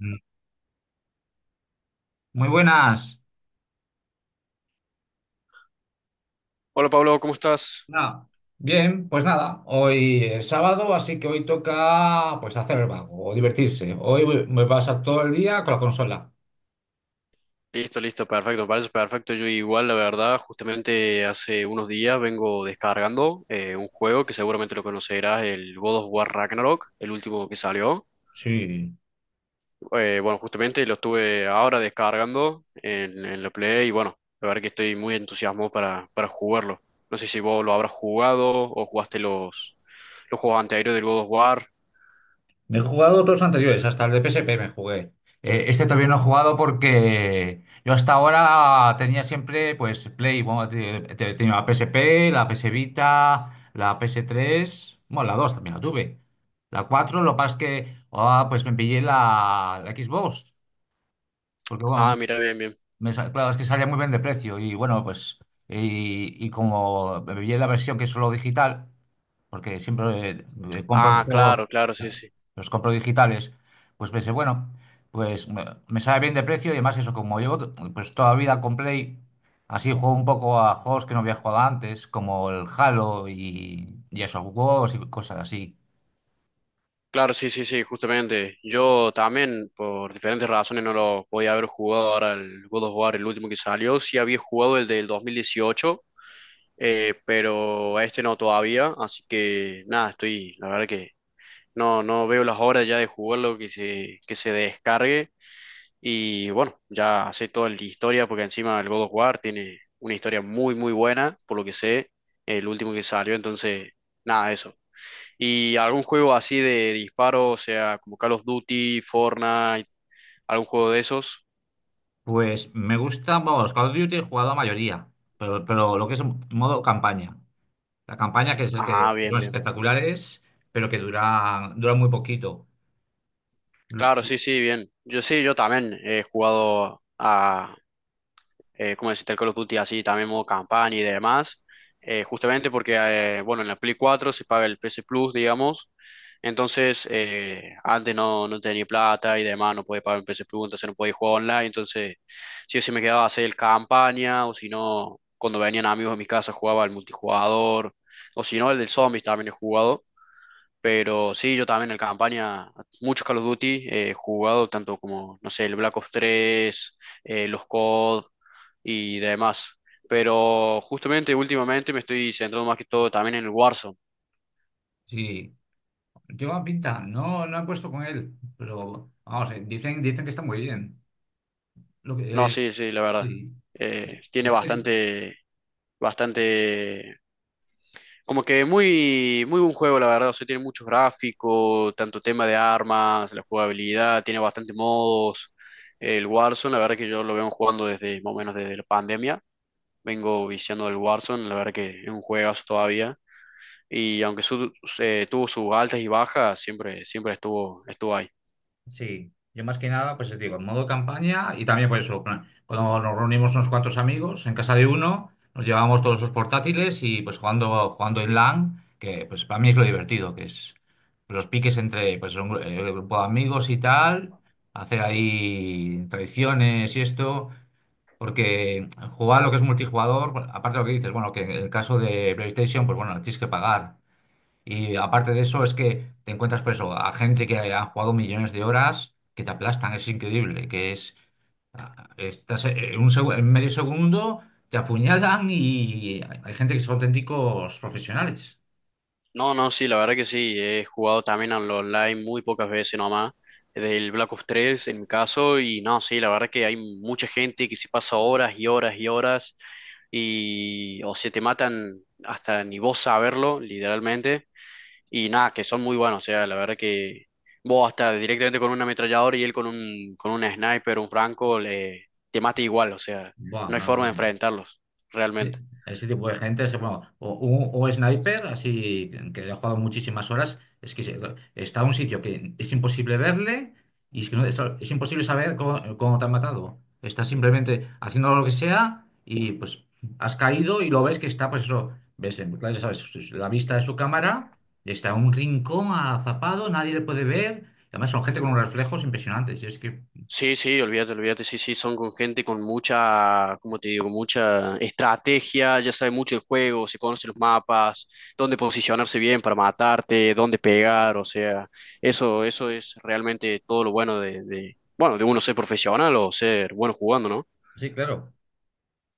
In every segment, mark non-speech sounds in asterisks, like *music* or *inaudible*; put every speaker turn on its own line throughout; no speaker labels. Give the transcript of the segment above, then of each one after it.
Mm, Muy buenas.
Hola Pablo, ¿cómo estás?
Nada. Bien, pues nada, hoy es sábado, así que hoy toca pues hacer el vago o divertirse. Me pasa todo el día con la consola.
Listo, listo, perfecto, me parece perfecto. Yo igual, la verdad, justamente hace unos días vengo descargando un juego que seguramente lo conocerás, el God of War Ragnarok, el último que salió.
Sí,
Bueno, Justamente lo estuve ahora descargando en la Play y bueno, la verdad que estoy muy entusiasmado para jugarlo. No sé si vos lo habrás jugado o jugaste los juegos anteriores del God of War.
me he jugado todos los anteriores, hasta el de PSP me jugué. Este todavía no he jugado porque yo hasta ahora tenía siempre pues Play, bueno, tenía la PSP, la PS Vita, la PS3 bueno, la 2 también la tuve. La 4 lo que pasa es que pues me pillé la Xbox. Porque
Ah,
bueno,
mira, bien, bien.
Claro, es que salía muy bien de precio y bueno, pues y como vi en la versión que es solo digital, porque siempre compro los
Ah,
juegos,
claro, claro, sí, sí.
los compro digitales, pues pensé, bueno, pues me sale bien de precio y además eso, como pues toda la vida con Play, así juego un poco a juegos que no había jugado antes, como el Halo y esos juegos y cosas así.
Claro, sí, sí, sí, justamente. Yo también, por diferentes razones, no lo podía haber jugado ahora el God of War, el último que salió. Sí había jugado el del 2018, pero a este no todavía. Así que nada, estoy, la verdad que no veo las horas ya de jugarlo que se descargue. Y bueno, ya sé toda la historia, porque encima el God of War tiene una historia muy, muy buena, por lo que sé, el último que salió. Entonces, nada, eso. ¿Y algún juego así de disparo, o sea, como Call of Duty, Fortnite, algún juego de esos?
Pues me gusta, vamos, Call of Duty he jugado la mayoría, pero lo que es modo campaña. La campaña que es
Ah,
que son
bien, bien.
espectaculares, pero que dura muy poquito.
Claro, sí, sí, bien. Yo sí, yo también he jugado a, como decirte, el Call of Duty así, también modo campaña y demás, bueno, en la Play 4 se paga el PS Plus, digamos, entonces antes no tenía plata y demás, no podía pagar el PS Plus, entonces no podía jugar online, entonces sí o sí me quedaba a hacer el campaña, o si no, cuando venían amigos a mi casa jugaba el multijugador, o si no, el del Zombies también he jugado, pero sí, yo también en campaña, muchos Call of Duty he jugado, tanto como, no sé, el Black Ops 3 los COD y demás. Pero justamente últimamente me estoy centrando más que todo también en el Warzone.
Sí, lleva pinta. No, no he puesto con él, pero vamos, dicen que está muy bien. Lo
No,
que, eh,
sí, sí, la verdad.
sí. De-
Tiene
de- este
bastante, bastante, como que muy, muy buen juego, la verdad. O sea, tiene muchos gráficos, tanto tema de armas, la jugabilidad, tiene bastante modos. El Warzone, la verdad que yo lo vengo jugando desde, más o menos desde la pandemia. Vengo viciando del Warzone, la verdad que es un juegazo todavía. Y aunque su- Tuvo sus altas y bajas, siempre, siempre estuvo, estuvo ahí.
Sí, yo más que nada, pues te digo, en modo campaña y también por eso, plan, cuando nos reunimos unos cuantos amigos en casa de uno, nos llevamos todos los portátiles y pues jugando en LAN, que pues para mí es lo divertido, que es los piques entre pues grupo de amigos y tal, hacer ahí tradiciones y esto, porque jugar lo que es multijugador, bueno, aparte de lo que dices, bueno, que en el caso de PlayStation, pues bueno, tienes que pagar. Y aparte de eso, es que te encuentras preso a gente que ha jugado millones de horas que te aplastan, es increíble, que es, estás en un en medio segundo, te apuñalan y hay gente que son auténticos profesionales.
No, no, sí, la verdad que sí. He jugado también al online muy pocas veces nomás. Del Black Ops 3 en mi caso. Y no, sí, la verdad que hay mucha gente que se pasa horas y horas y horas. Y o se te matan hasta ni vos saberlo, literalmente. Y nada, que son muy buenos, o sea, la verdad que vos hasta directamente con un ametrallador y él con un sniper, un franco, le, te mata igual, o sea, no hay
No,
forma de
bueno.
enfrentarlos,
Sí.
realmente.
Ese tipo de gente es bueno, o sniper, así que ha jugado muchísimas horas, está en un sitio que es imposible verle y es que es imposible saber cómo te han matado. Estás simplemente haciendo lo que sea y pues has caído y lo ves que está, pues eso, ves, claro, ya sabes, la vista de su cámara, está en un rincón azapado, nadie le puede ver. Además son gente con unos reflejos impresionantes.
Sí, sí, olvídate, olvídate, sí, sí, son con gente con mucha, como te digo, mucha estrategia, ya sabe mucho el juego, se conoce los mapas, dónde posicionarse bien para matarte, dónde pegar, o sea, eso es realmente todo lo bueno bueno, de uno ser profesional o ser bueno jugando, ¿no?
Sí, claro.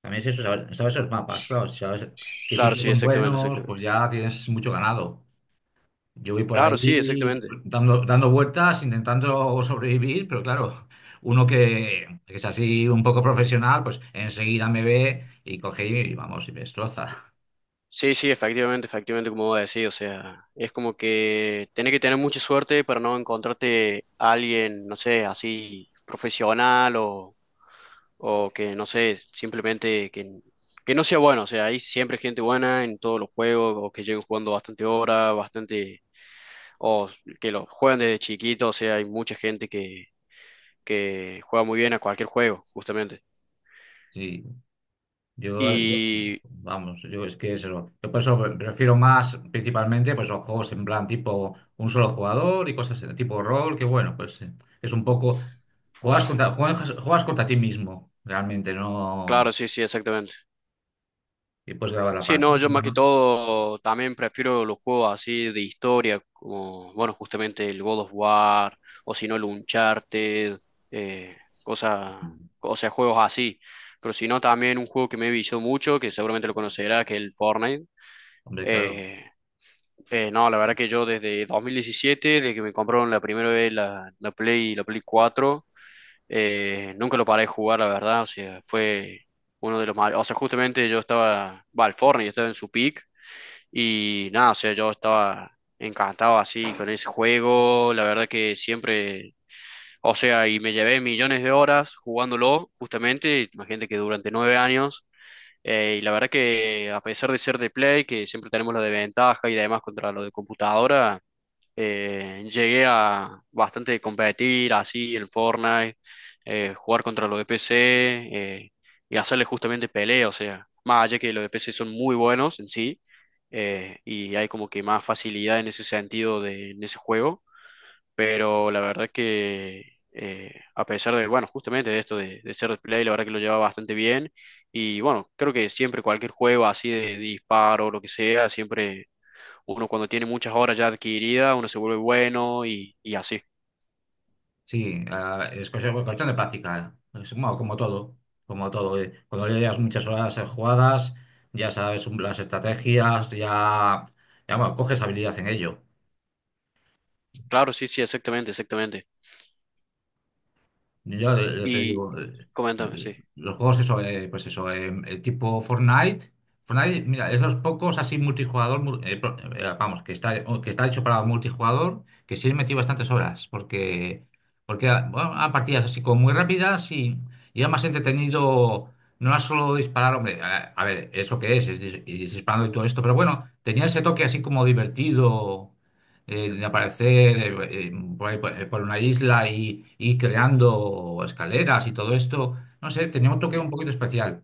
También es eso, saber esos mapas, claro. Si sabes qué
Claro,
sitios
sí,
son
exactamente,
buenos, pues
exactamente.
ya tienes mucho ganado. Yo voy por
Claro, sí,
ahí
exactamente.
dando vueltas, intentando sobrevivir, pero claro, uno que es así un poco profesional, pues enseguida me ve y coge y vamos, y me destroza.
Sí, sí, efectivamente, efectivamente, como voy a decir, o sea, es como que tenés que tener mucha suerte para no encontrarte a alguien, no sé, así profesional o que, no sé, simplemente que no sea bueno, o sea, hay siempre gente buena en todos los juegos o que lleguen jugando bastante horas, bastante, o que lo juegan desde chiquito, o sea, hay mucha gente que juega muy bien a cualquier juego, justamente.
Sí. Yo, yo-
Y
vamos, yo es que es eso. Yo por eso me refiero más principalmente pues, a juegos en plan tipo un solo jugador y cosas de tipo rol, que bueno, pues es un poco. Juegas contra ti mismo, realmente, no.
claro, sí, sí, exactamente.
Y puedes grabar la
Sí, no, yo
partida.
más que todo también prefiero los juegos así de historia, como, bueno, justamente el God of War, o si no el Uncharted, eh, cosa- o sea, juegos así. Pero si no, también un juego que me vició mucho, que seguramente lo conocerá, que es el Fortnite.
Hombre, claro.
Eh, no, la verdad que yo desde 2017, desde que me compraron la primera vez la Play 4, nunca lo paré de jugar, la verdad. O sea, fue uno de los mayores. O sea, justamente yo estaba, va, al Fortnite, estaba en su peak y nada, o sea, yo estaba encantado así con ese juego, la verdad que siempre, o sea, y me llevé millones de horas jugándolo, justamente, imagínate que durante 9 años, y la verdad que a pesar de ser de Play, que siempre tenemos la desventaja y además contra lo de computadora, llegué a bastante competir así en Fortnite, jugar contra los de PC y hacerle justamente pelea, o sea, más allá que los de PC son muy buenos en sí, y hay como que más facilidad en ese sentido de, en ese juego, pero la verdad que a pesar de, bueno, justamente de esto de ser de play, la verdad que lo lleva bastante bien y bueno, creo que siempre cualquier juego así de disparo o lo que sea, siempre uno cuando tiene muchas horas ya adquiridas, uno se vuelve bueno y así.
Sí, es cuestión de práctica. Es, bueno, como todo, como todo. Cuando ya llevas muchas horas jugadas, ya sabes las estrategias, ya bueno, coges habilidad en ello.
Claro, sí, sí, exactamente, exactamente.
Ya te
Y
digo,
coméntame, sí.
los juegos, eso, pues eso, tipo Fortnite. Fortnite, mira, es los pocos así multijugador, vamos, que está, o que está hecho para multijugador, que sí he metido bastantes horas, porque bueno, a partidas así como muy rápidas y era más entretenido, no era solo disparar, hombre, a ver, eso que es, y disparando y todo esto, pero bueno, tenía ese toque así como divertido de aparecer eh, eh, por ahí, por una isla y ir creando escaleras y todo esto. No sé, tenía un toque un poquito especial,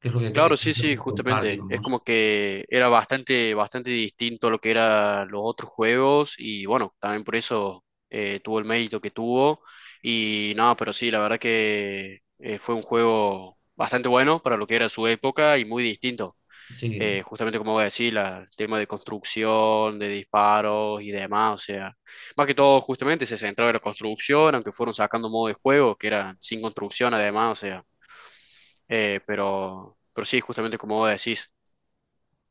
que es lo
Claro, sí,
lo
sí,
que contar,
justamente. Es
digamos.
como que era bastante, bastante distinto a lo que eran los otros juegos y bueno, también por eso tuvo el mérito que tuvo. Y no, pero sí, la verdad que fue un juego bastante bueno para lo que era su época y muy distinto.
Sí.
Justamente como voy a decir, el tema de construcción, de disparos y demás, o sea, más que todo justamente se centraba en la construcción, aunque fueron sacando modo de juego que era sin construcción además, o sea, pero sí, justamente como vos decís,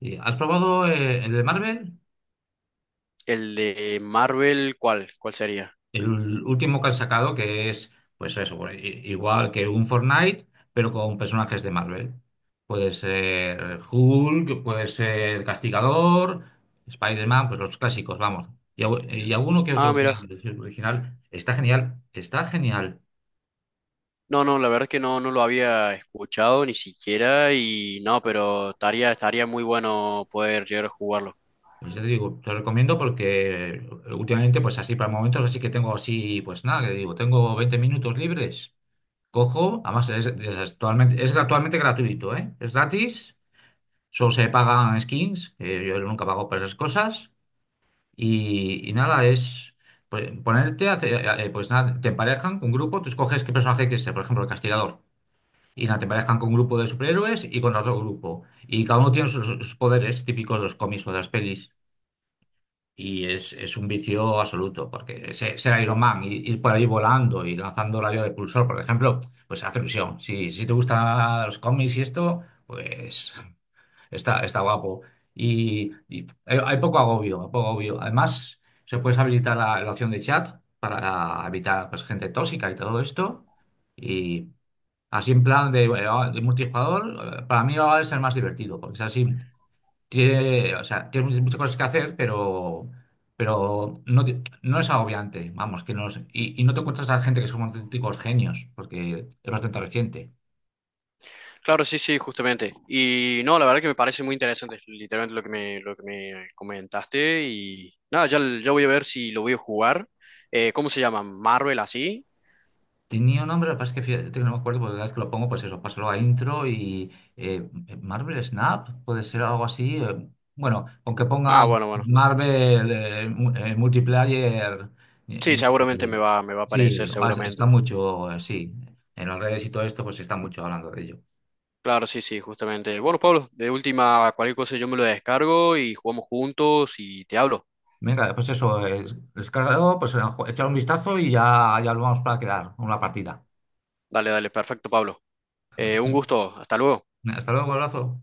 Y, ¿has probado el de Marvel?
el de Marvel, ¿cuál, cuál sería?
El último que han sacado, que es, pues eso, pues, igual que un Fortnite, pero con personajes de Marvel. Puede ser Hulk, puede ser Castigador, Spider-Man, pues los clásicos, vamos. Y, y alguno que
Ah,
otro que
mira,
es original. Está genial, está genial.
no, no, la verdad es que no, no lo había escuchado ni siquiera y no, pero estaría, estaría muy bueno poder llegar a jugarlo.
Pues ya te digo, te lo recomiendo porque últimamente, pues así para momentos, así que tengo así, pues nada, que digo, tengo 20 minutos libres. Cojo, además es actualmente gratuito, ¿eh? Es gratis. Solo se pagan skins, que yo nunca pago por esas cosas. Y nada, es pues, pues nada, te emparejan con un grupo, tú escoges qué personaje quieres ser, por ejemplo, el castigador. Y nada, te emparejan con un grupo de superhéroes y con otro grupo. Y cada uno tiene sus poderes típicos de los cómics o de las pelis. Y es un vicio absoluto, porque ser Iron Man, y ir por ahí volando y lanzando rayo de pulsor, por ejemplo, pues hace ilusión. Si te gustan los cómics y esto, pues... Está, está guapo. Y hay poco agobio, hay poco agobio. Además, se puede habilitar la opción de chat para evitar pues, gente tóxica y todo esto. Y así en plan de multijugador, para mí ahora es el más divertido, porque es así, tiene, o sea, tiene muchas muchas cosas que hacer, pero no, no es agobiante, vamos, que no es- y no te encuentras a gente que son auténticos genios, porque es bastante reciente.
Claro, sí, sí, justamente. Y no, la verdad que me parece muy interesante, literalmente lo que me comentaste. Y nada, ya, ya voy a ver si lo voy a jugar. ¿Cómo se llama? ¿Marvel así?
Tenía un nombre, lo que pasa es que fíjate que no me acuerdo, porque cada vez que lo pongo, pues eso, paso luego a intro y eh, Marvel Snap, puede ser algo así. Bueno, con que ponga
Ah, bueno, bueno.
Marvel Multiplayer. eh,
Sí,
ya-
seguramente me va a
Sí,
aparecer,
está
seguramente.
mucho, sí. En las redes y todo esto, pues está mucho hablando de ello.
Claro, sí, sí, justamente. Bueno, Pablo, de última, cualquier cosa yo me lo descargo y jugamos juntos y te hablo.
Venga, pues eso, descargado, pues echar un vistazo ya lo vamos para quedar, una partida.
Dale, dale, perfecto, Pablo. Un
*laughs*
gusto, hasta luego.
Hasta luego, abrazo.